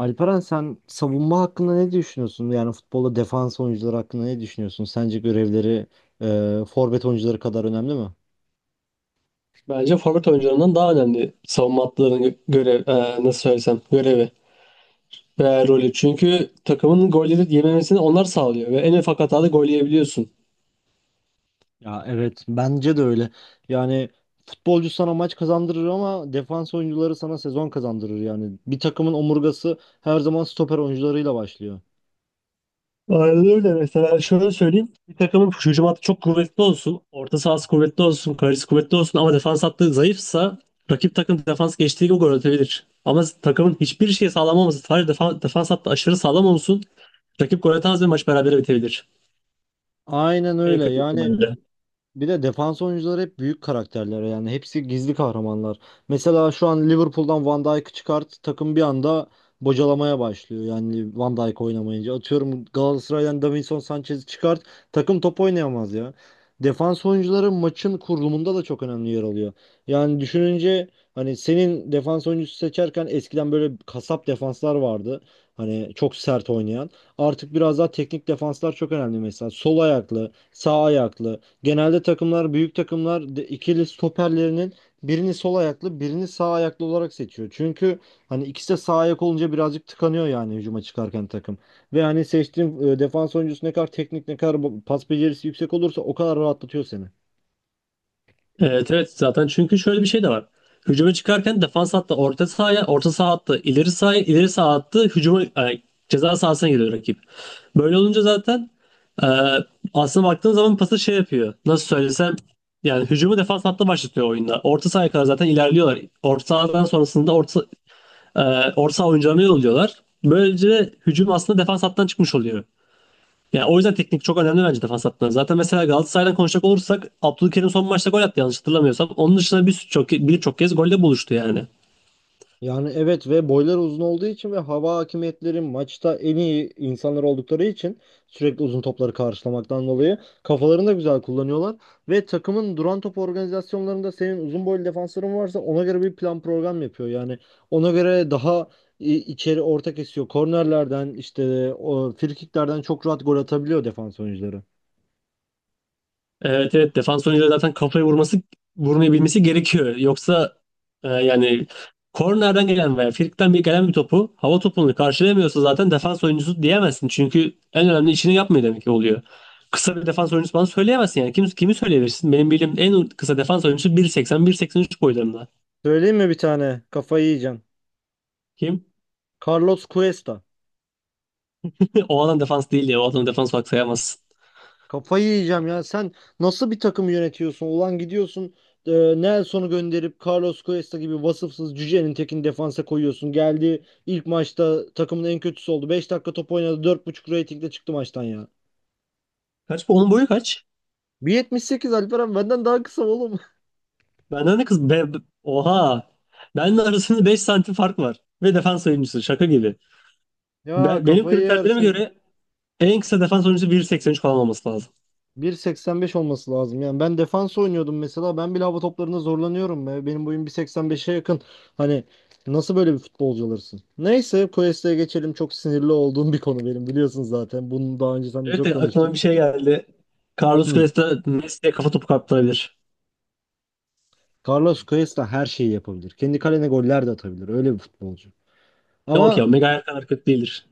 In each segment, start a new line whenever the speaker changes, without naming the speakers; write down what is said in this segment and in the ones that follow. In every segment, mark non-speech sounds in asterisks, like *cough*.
Alperen, sen savunma hakkında ne düşünüyorsun? Yani futbolda defans oyuncuları hakkında ne düşünüyorsun? Sence görevleri forvet oyuncuları kadar önemli mi?
Bence forvet oyuncularından daha önemli savunma hattlarının nasıl söylesem görevi ve rolü. Çünkü takımın golleri yememesini onlar sağlıyor ve en ufak hatada gol yiyebiliyorsun.
Ya evet, bence de öyle. Yani futbolcu sana maç kazandırır ama defans oyuncuları sana sezon kazandırır yani. Bir takımın omurgası her zaman stoper oyuncularıyla başlıyor.
Aynen öyle. Mesela şöyle söyleyeyim. Bir takımın hücum hattı çok kuvvetli olsun, orta sahası kuvvetli olsun, kalecisi kuvvetli olsun ama defans hattı zayıfsa rakip takım defans geçtiği gibi gol atabilir. Ama takımın hiçbir şey sağlam olması, sadece defans hattı aşırı sağlam olsun, rakip gol atamaz ve maç berabere bitebilir.
Aynen
En
öyle.
kötü
Yani,
ihtimalle.
bir de defans oyuncuları hep büyük karakterler, yani hepsi gizli kahramanlar. Mesela şu an Liverpool'dan Van Dijk'ı çıkart, takım bir anda bocalamaya başlıyor yani, Van Dijk oynamayınca. Atıyorum, Galatasaray'dan Davinson Sanchez'i çıkart, takım top oynayamaz ya. Defans oyuncuları maçın kurulumunda da çok önemli yer alıyor. Yani düşününce, hani senin defans oyuncusu seçerken eskiden böyle kasap defanslar vardı. Hani çok sert oynayan. Artık biraz daha teknik defanslar çok önemli mesela. Sol ayaklı, sağ ayaklı. Genelde takımlar, büyük takımlar ikili stoperlerinin birini sol ayaklı, birini sağ ayaklı olarak seçiyor. Çünkü hani ikisi de sağ ayak olunca birazcık tıkanıyor, yani hücuma çıkarken takım. Ve hani seçtiğin defans oyuncusu ne kadar teknik, ne kadar pas becerisi yüksek olursa o kadar rahatlatıyor seni.
Evet, evet, zaten çünkü şöyle bir şey de var. Hücuma çıkarken defans hattı orta sahaya, orta saha hattı ileri sahaya, ileri saha hattı hücuma, ceza sahasına geliyor rakip. Böyle olunca zaten e, aslında baktığın zaman pası şey yapıyor. Nasıl söylesem yani hücumu defans hattı başlatıyor oyunda. Orta sahaya kadar zaten ilerliyorlar. Orta sahadan sonrasında e, orta saha oyuncularına yolluyorlar. Böylece hücum aslında defans hattından çıkmış oluyor. Yani o yüzden teknik çok önemli bence defans hattında. Zaten mesela Galatasaray'dan konuşacak olursak Abdülkerim son maçta gol attı yanlış hatırlamıyorsam. Onun dışında birçok kez golde buluştu yani.
Yani evet, ve boyları uzun olduğu için ve hava hakimiyetleri maçta en iyi insanlar oldukları için, sürekli uzun topları karşılamaktan dolayı kafalarını da güzel kullanıyorlar. Ve takımın duran top organizasyonlarında senin uzun boylu defansların varsa ona göre bir plan program yapıyor. Yani ona göre daha içeri orta kesiyor. Kornerlerden, işte o frikiklerden çok rahat gol atabiliyor defans oyuncuları.
Evet, evet, defans oyuncuları zaten kafayı vurmayı bilmesi gerekiyor. Yoksa yani kornerden gelen veya frikikten bir gelen bir topu hava topunu karşılayamıyorsa zaten defans oyuncusu diyemezsin. Çünkü en önemli işini yapmıyor demek ki oluyor. Kısa bir defans oyuncusu bana söyleyemezsin yani. Kimi söyleyebilirsin? Benim bildiğim en kısa defans oyuncusu 1.80 üç boylarında.
Söyleyeyim mi bir tane? Kafayı yiyeceksin.
Kim?
Carlos Cuesta.
*laughs* O adam defans değil ya. O adam defans olarak sayamazsın.
Kafayı yiyeceğim ya. Sen nasıl bir takım yönetiyorsun? Ulan gidiyorsun e, Nelson'u gönderip Carlos Cuesta gibi vasıfsız cücenin tekini defansa koyuyorsun. Geldi, ilk maçta takımın en kötüsü oldu. Beş dakika top oynadı. Dört buçuk ratingle çıktı maçtan ya.
Kaç bu? Onun boyu kaç?
Bir yetmiş sekiz, Alperen, benden daha kısa oğlum. *laughs*
Benden de kız. Oha. Benden arasında 5 santim fark var. Ve defans oyuncusu. Şaka gibi.
Ya,
Benim
kafayı
kriterlerime
yersin.
göre en kısa defans oyuncusu 1.83 falan olması lazım.
1,85 olması lazım. Yani ben defans oynuyordum mesela. Ben bile hava toplarında zorlanıyorum. Be. Benim boyum 1,85'e yakın. Hani nasıl böyle bir futbolcu olursun? Neyse, Quest'e geçelim. Çok sinirli olduğum bir konu benim, biliyorsun zaten. Bunu daha önce seninle
Evet
çok
de
konuştuk.
aklıma bir şey geldi. Carlos
Hı.
Cuesta Messi'ye kafa topu kaptırabilir.
Carlos Cuesta her şeyi yapabilir. Kendi kalene goller de atabilir. Öyle bir futbolcu.
Yok ya,
Ama
Maguire kadar kötü değildir.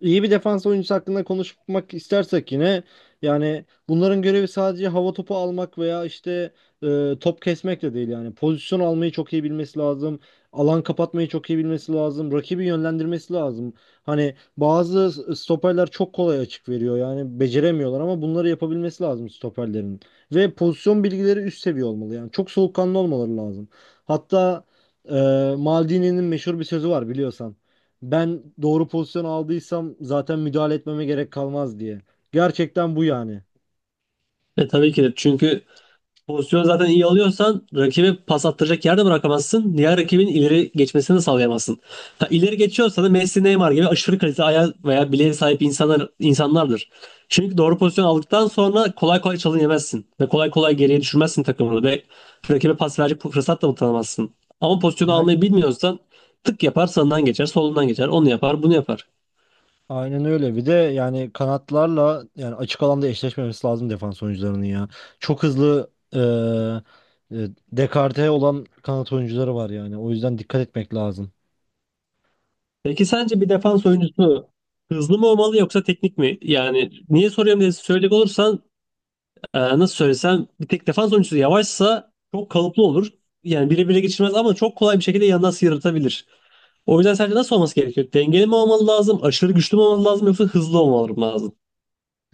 İyi bir defans oyuncusu hakkında konuşmak istersek yine, yani bunların görevi sadece hava topu almak veya işte top kesmek de değil, yani pozisyon almayı çok iyi bilmesi lazım. Alan kapatmayı çok iyi bilmesi lazım. Rakibi yönlendirmesi lazım. Hani bazı stoperler çok kolay açık veriyor. Yani beceremiyorlar, ama bunları yapabilmesi lazım stoperlerin. Ve pozisyon bilgileri üst seviye olmalı. Yani çok soğukkanlı olmaları lazım. Hatta e, Maldini'nin meşhur bir sözü var, biliyorsan. Ben doğru pozisyon aldıysam zaten müdahale etmeme gerek kalmaz, diye. Gerçekten bu yani.
E tabii ki de, çünkü pozisyonu zaten iyi alıyorsan rakibe pas attıracak yerde bırakamazsın. Diğer rakibin ileri geçmesini de sağlayamazsın. Ha, ileri geçiyorsa da Messi, Neymar gibi aşırı kalite ayağı veya bileğe sahip insanlardır. Çünkü doğru pozisyon aldıktan sonra kolay kolay çalın yemezsin. Ve kolay kolay geriye düşürmezsin takımını. Ve rakibe pas verecek fırsat da tanımazsın. Ama pozisyonu
A-
almayı bilmiyorsan tık yapar, sağından geçer, solundan geçer. Onu yapar, bunu yapar.
Aynen öyle. Bir de yani kanatlarla, yani açık alanda eşleşmemesi lazım defans oyuncularının ya. Çok hızlı, dekarte olan kanat oyuncuları var yani. O yüzden dikkat etmek lazım.
Peki sence bir defans oyuncusu hızlı mı olmalı yoksa teknik mi? Yani niye soruyorum diye söyleyecek olursan, nasıl söylesem bir tek defans oyuncusu yavaşsa çok kalıplı olur. Yani bire bire geçirmez ama çok kolay bir şekilde yandan sıyrıltabilir. O yüzden sence nasıl olması gerekiyor? Dengeli mi olmalı lazım? Aşırı güçlü mü olmalı lazım? Yoksa hızlı olmalı mı lazım?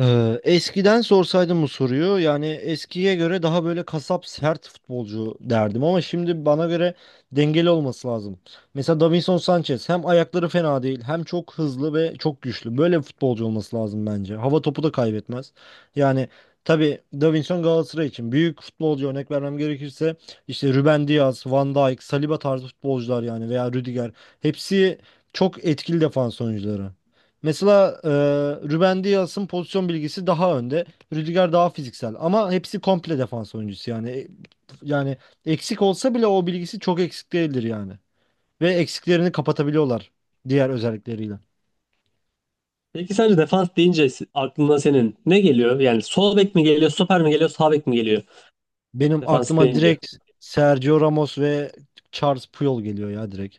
Eskiden sorsaydım bu soruyu, yani eskiye göre daha böyle kasap sert futbolcu derdim, ama şimdi bana göre dengeli olması lazım. Mesela Davinson Sanchez hem ayakları fena değil, hem çok hızlı ve çok güçlü. Böyle bir futbolcu olması lazım bence. Hava topu da kaybetmez. Yani tabii Davinson Galatasaray için büyük futbolcu. Örnek vermem gerekirse işte Ruben Dias, Van Dijk, Saliba tarzı futbolcular, yani veya Rüdiger, hepsi çok etkili defans oyuncuları. Mesela Ruben Dias'ın pozisyon bilgisi daha önde. Rüdiger daha fiziksel, ama hepsi komple defans oyuncusu yani. Yani eksik olsa bile o bilgisi çok eksik değildir yani. Ve eksiklerini kapatabiliyorlar diğer özellikleriyle.
Peki sence defans deyince aklına senin ne geliyor? Yani sol bek mi geliyor, stoper mi geliyor, sağ bek mi geliyor?
Benim
Defans
aklıma
deyince.
direkt Sergio Ramos ve Charles Puyol geliyor ya, direkt.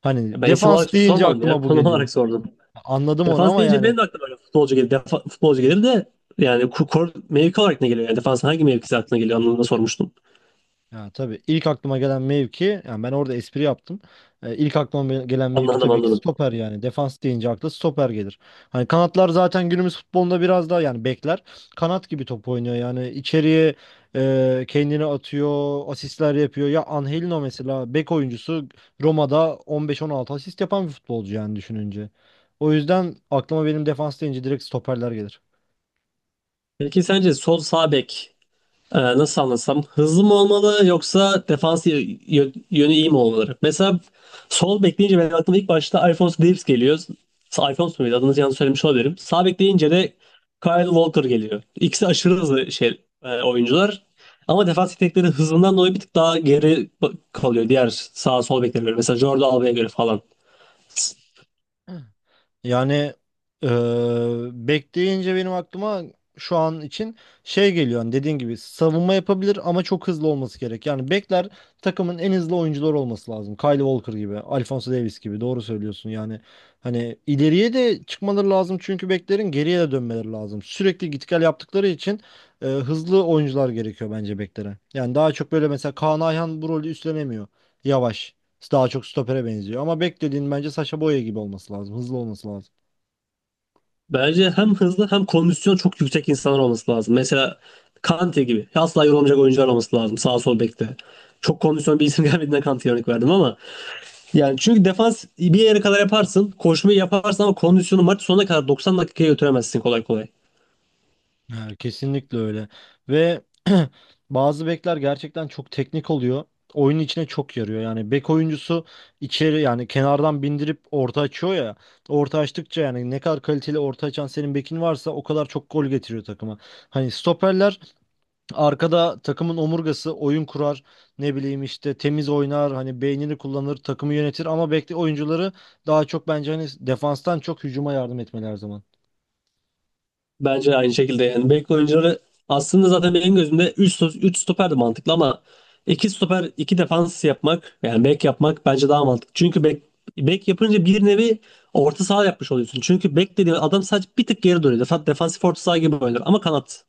Hani
Ben isim
defans
olarak
deyince
sormadım ya, *laughs*
aklıma bu
konum
geliyor.
olarak sordum.
Anladım onu,
Defans
ama
deyince
yani...
benim de aklıma böyle futbolcu gelir, futbolcu gelir de yani kor mevki olarak ne geliyor? Yani defans hangi mevkisi aklına geliyor? Anlamında sormuştum.
Ya, tabii ilk aklıma gelen mevki, yani ben orada espri yaptım. İlk aklıma gelen mevki
Anladım,
tabii ki
anladım.
stoper yani. Defans deyince akla stoper gelir. Hani kanatlar zaten günümüz futbolunda biraz daha, yani bekler kanat gibi top oynuyor. Yani içeriye kendini atıyor, asistler yapıyor. Ya Angelino mesela bek oyuncusu, Roma'da 15-16 asist yapan bir futbolcu yani, düşününce. O yüzden aklıma benim defans deyince direkt stoperler gelir.
Peki sence sol sağ bek nasıl anlasam hızlı mı olmalı yoksa defans yönü iyi mi olmalı? Mesela sol bek deyince benim aklıma ilk başta Alphonso Davies geliyor. Alphonso muydu? Adını yanlış söylemiş olabilirim. Sağ bek deyince de Kyle Walker geliyor. İkisi aşırı hızlı şey oyuncular. Ama defans yetenekleri hızından dolayı bir tık daha geri kalıyor diğer sağ sol beklere göre. Mesela Jordi Alba'ya göre falan.
Yani eee bekleyince benim aklıma şu an için şey geliyor. Hani dediğin gibi savunma yapabilir ama çok hızlı olması gerek. Yani bekler takımın en hızlı oyuncuları olması lazım. Kyle Walker gibi, Alphonso Davies gibi, doğru söylüyorsun. Yani hani ileriye de çıkmaları lazım, çünkü beklerin geriye de dönmeleri lazım. Sürekli git gel yaptıkları için hızlı oyuncular gerekiyor bence beklere. Yani daha çok böyle, mesela Kaan Ayhan bu rolü üstlenemiyor. Yavaş. Daha çok stopere benziyor. Ama bek dediğin bence Sacha Boey gibi olması lazım. Hızlı olması lazım.
Bence hem hızlı hem kondisyon çok yüksek insanlar olması lazım. Mesela Kante gibi. Asla yorulmayacak oyuncular olması lazım sağ sol bekte. Çok kondisyon bir isim *laughs* gelmediğinden Kante'ye örnek verdim ama yani çünkü defans bir yere kadar yaparsın, koşmayı yaparsın ama kondisyonu maç sonuna kadar 90 dakikaya götüremezsin kolay kolay.
Ha, kesinlikle öyle. Ve *clears throat* bazı bekler gerçekten çok teknik oluyor. Oyunun içine çok yarıyor. Yani bek oyuncusu içeri, yani kenardan bindirip orta açıyor ya. Orta açtıkça, yani ne kadar kaliteli orta açan senin bekin varsa o kadar çok gol getiriyor takıma. Hani stoperler arkada takımın omurgası, oyun kurar, ne bileyim işte, temiz oynar, hani beynini kullanır, takımı yönetir, ama bekle oyuncuları daha çok, bence hani, defanstan çok hücuma yardım etmeli her zaman.
Bence aynı şekilde yani bek oyuncuları aslında zaten benim gözümde 3 3 stoper de mantıklı ama 2 stoper 2 defans yapmak yani bek yapmak bence daha mantıklı. Çünkü bek yapınca bir nevi orta saha yapmış oluyorsun. Çünkü bek dediğin adam sadece bir tık geri duruyor. Defansif orta saha gibi oynar ama kanat.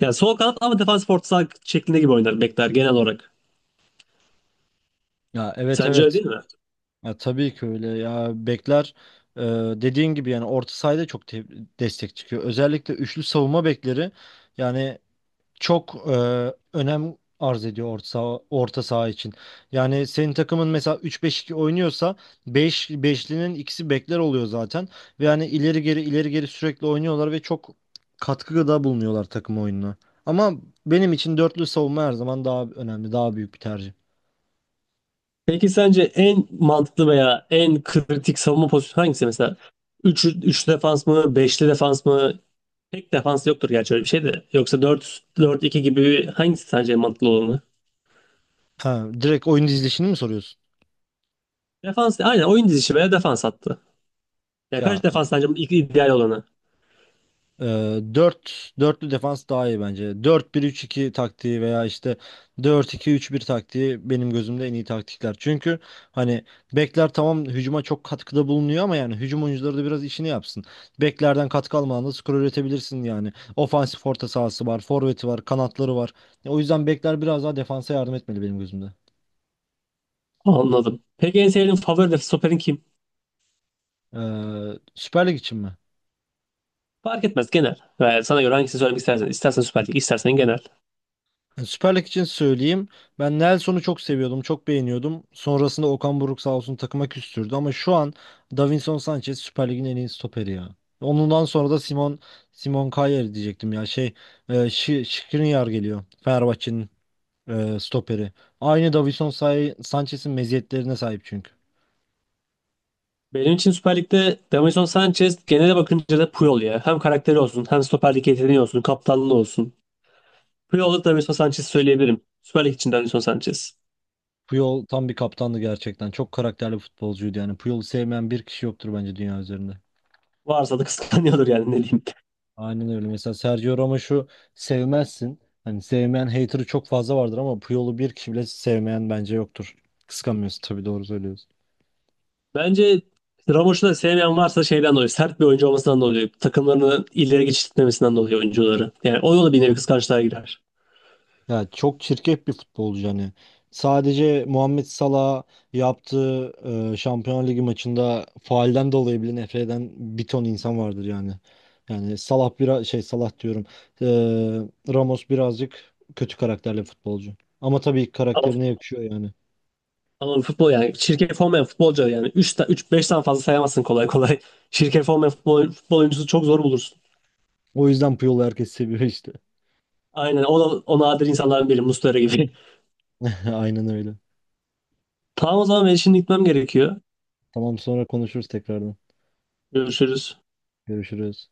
Yani sol kanat ama defansif orta saha şeklinde gibi oynar bekler genel olarak.
Ya evet,
Sence öyle
evet,
değil mi?
ya, tabii ki öyle ya, bekler e, dediğin gibi, yani orta sahada çok destek çıkıyor, özellikle üçlü savunma bekleri, yani çok önem arz ediyor orta saha için. Yani senin takımın mesela 3-5-2 oynuyorsa 5'linin ikisi bekler oluyor zaten. Ve yani ileri geri, ileri geri sürekli oynuyorlar ve çok katkıda bulunuyorlar takım oyununa. Ama benim için dörtlü savunma her zaman daha önemli, daha büyük bir tercih.
Peki sence en mantıklı veya en kritik savunma pozisyonu hangisi mesela? Üç 3 defans mı, beşli defans mı, pek defans yoktur gerçi öyle bir şey de. Yoksa 4-4-2 gibi hangisi sence mantıklı olanı?
Ha, direkt oyun dizilişini mi soruyorsun?
Defans, aynen oyun dizisi veya defans hattı. Ya
Ya,
kaç defans sence ilk ideal olanı?
Ee, 4 dörtlü defans daha iyi bence. 4-1-3-2 taktiği veya işte 4-2-3-1 taktiği benim gözümde en iyi taktikler. Çünkü hani bekler tamam hücuma çok katkıda bulunuyor, ama yani hücum oyuncuları da biraz işini yapsın. Beklerden katkı almadan da skor üretebilirsin yani. Ofansif orta sahası var, forveti var, kanatları var. O yüzden bekler biraz daha defansa yardım etmeli benim gözümde.
Anladım. Peki en sevdiğin favori stoperin kim?
Süper Lig için mi?
Fark etmez, genel. Ve sana göre hangisini söylemek istersen. İstersen Süper Lig, istersen genel.
Yani Süper Lig için söyleyeyim. Ben Nelson'u çok seviyordum, çok beğeniyordum. Sonrasında Okan Buruk sağ olsun takıma küstürdü, ama şu an Davinson Sanchez Süper Lig'in en iyi stoperi ya. Ondan sonra da Simon Kjaer diyecektim ya. Skriniar geliyor. Fenerbahçe'nin stoperi. Aynı Davinson Sanchez'in meziyetlerine sahip çünkü.
Benim için Süper Lig'de Davinson Sanchez, genele bakınca da Puyol ya. Hem karakteri olsun, hem Süper Lig yeteneği olsun, kaptanlığı olsun. Puyol'da Davinson Sanchez söyleyebilirim. Süper Lig için Davinson Sanchez.
Puyol tam bir kaptandı gerçekten. Çok karakterli futbolcuydu yani. Puyol'u sevmeyen bir kişi yoktur bence dünya üzerinde.
Varsa da kıskanıyordur yani, ne diyeyim.
Aynen öyle. Mesela Sergio Ramos'u sevmezsin. Hani sevmeyen, hater'ı çok fazla vardır, ama Puyol'u bir kişi bile sevmeyen bence yoktur. Kıskanmıyorsun tabii, doğru söylüyorsun.
Bence Ramoş'u da sevmeyen varsa şeyden dolayı, sert bir oyuncu olmasından dolayı, takımlarını ileri geçirtmemesinden dolayı oyuncuları. Yani o yolu bir nevi
Tabii.
kıskançlığa girer.
Ya, çok çirkef bir futbolcu hani. Sadece Muhammed Salah yaptığı Şampiyonlar Ligi maçında faalden dolayı bile nefret eden bir ton insan vardır yani. Yani Salah biraz şey, Salah diyorum. Ramos birazcık kötü karakterli futbolcu. Ama tabii
Ama,
karakterine yakışıyor yani.
ama futbol, yani çirkef olmayan futbolcu yani üç beş tane fazla sayamazsın kolay kolay. *laughs* Çirkef olmayan futbol oyuncusu çok zor bulursun.
O yüzden Puyol'u herkes seviyor işte.
Aynen, o da o nadir insanların biri, Muslera gibi. *laughs*
*laughs* Aynen öyle.
Tamam, o zaman ben şimdi gitmem gerekiyor.
Tamam, sonra konuşuruz tekrardan.
Görüşürüz.
Görüşürüz.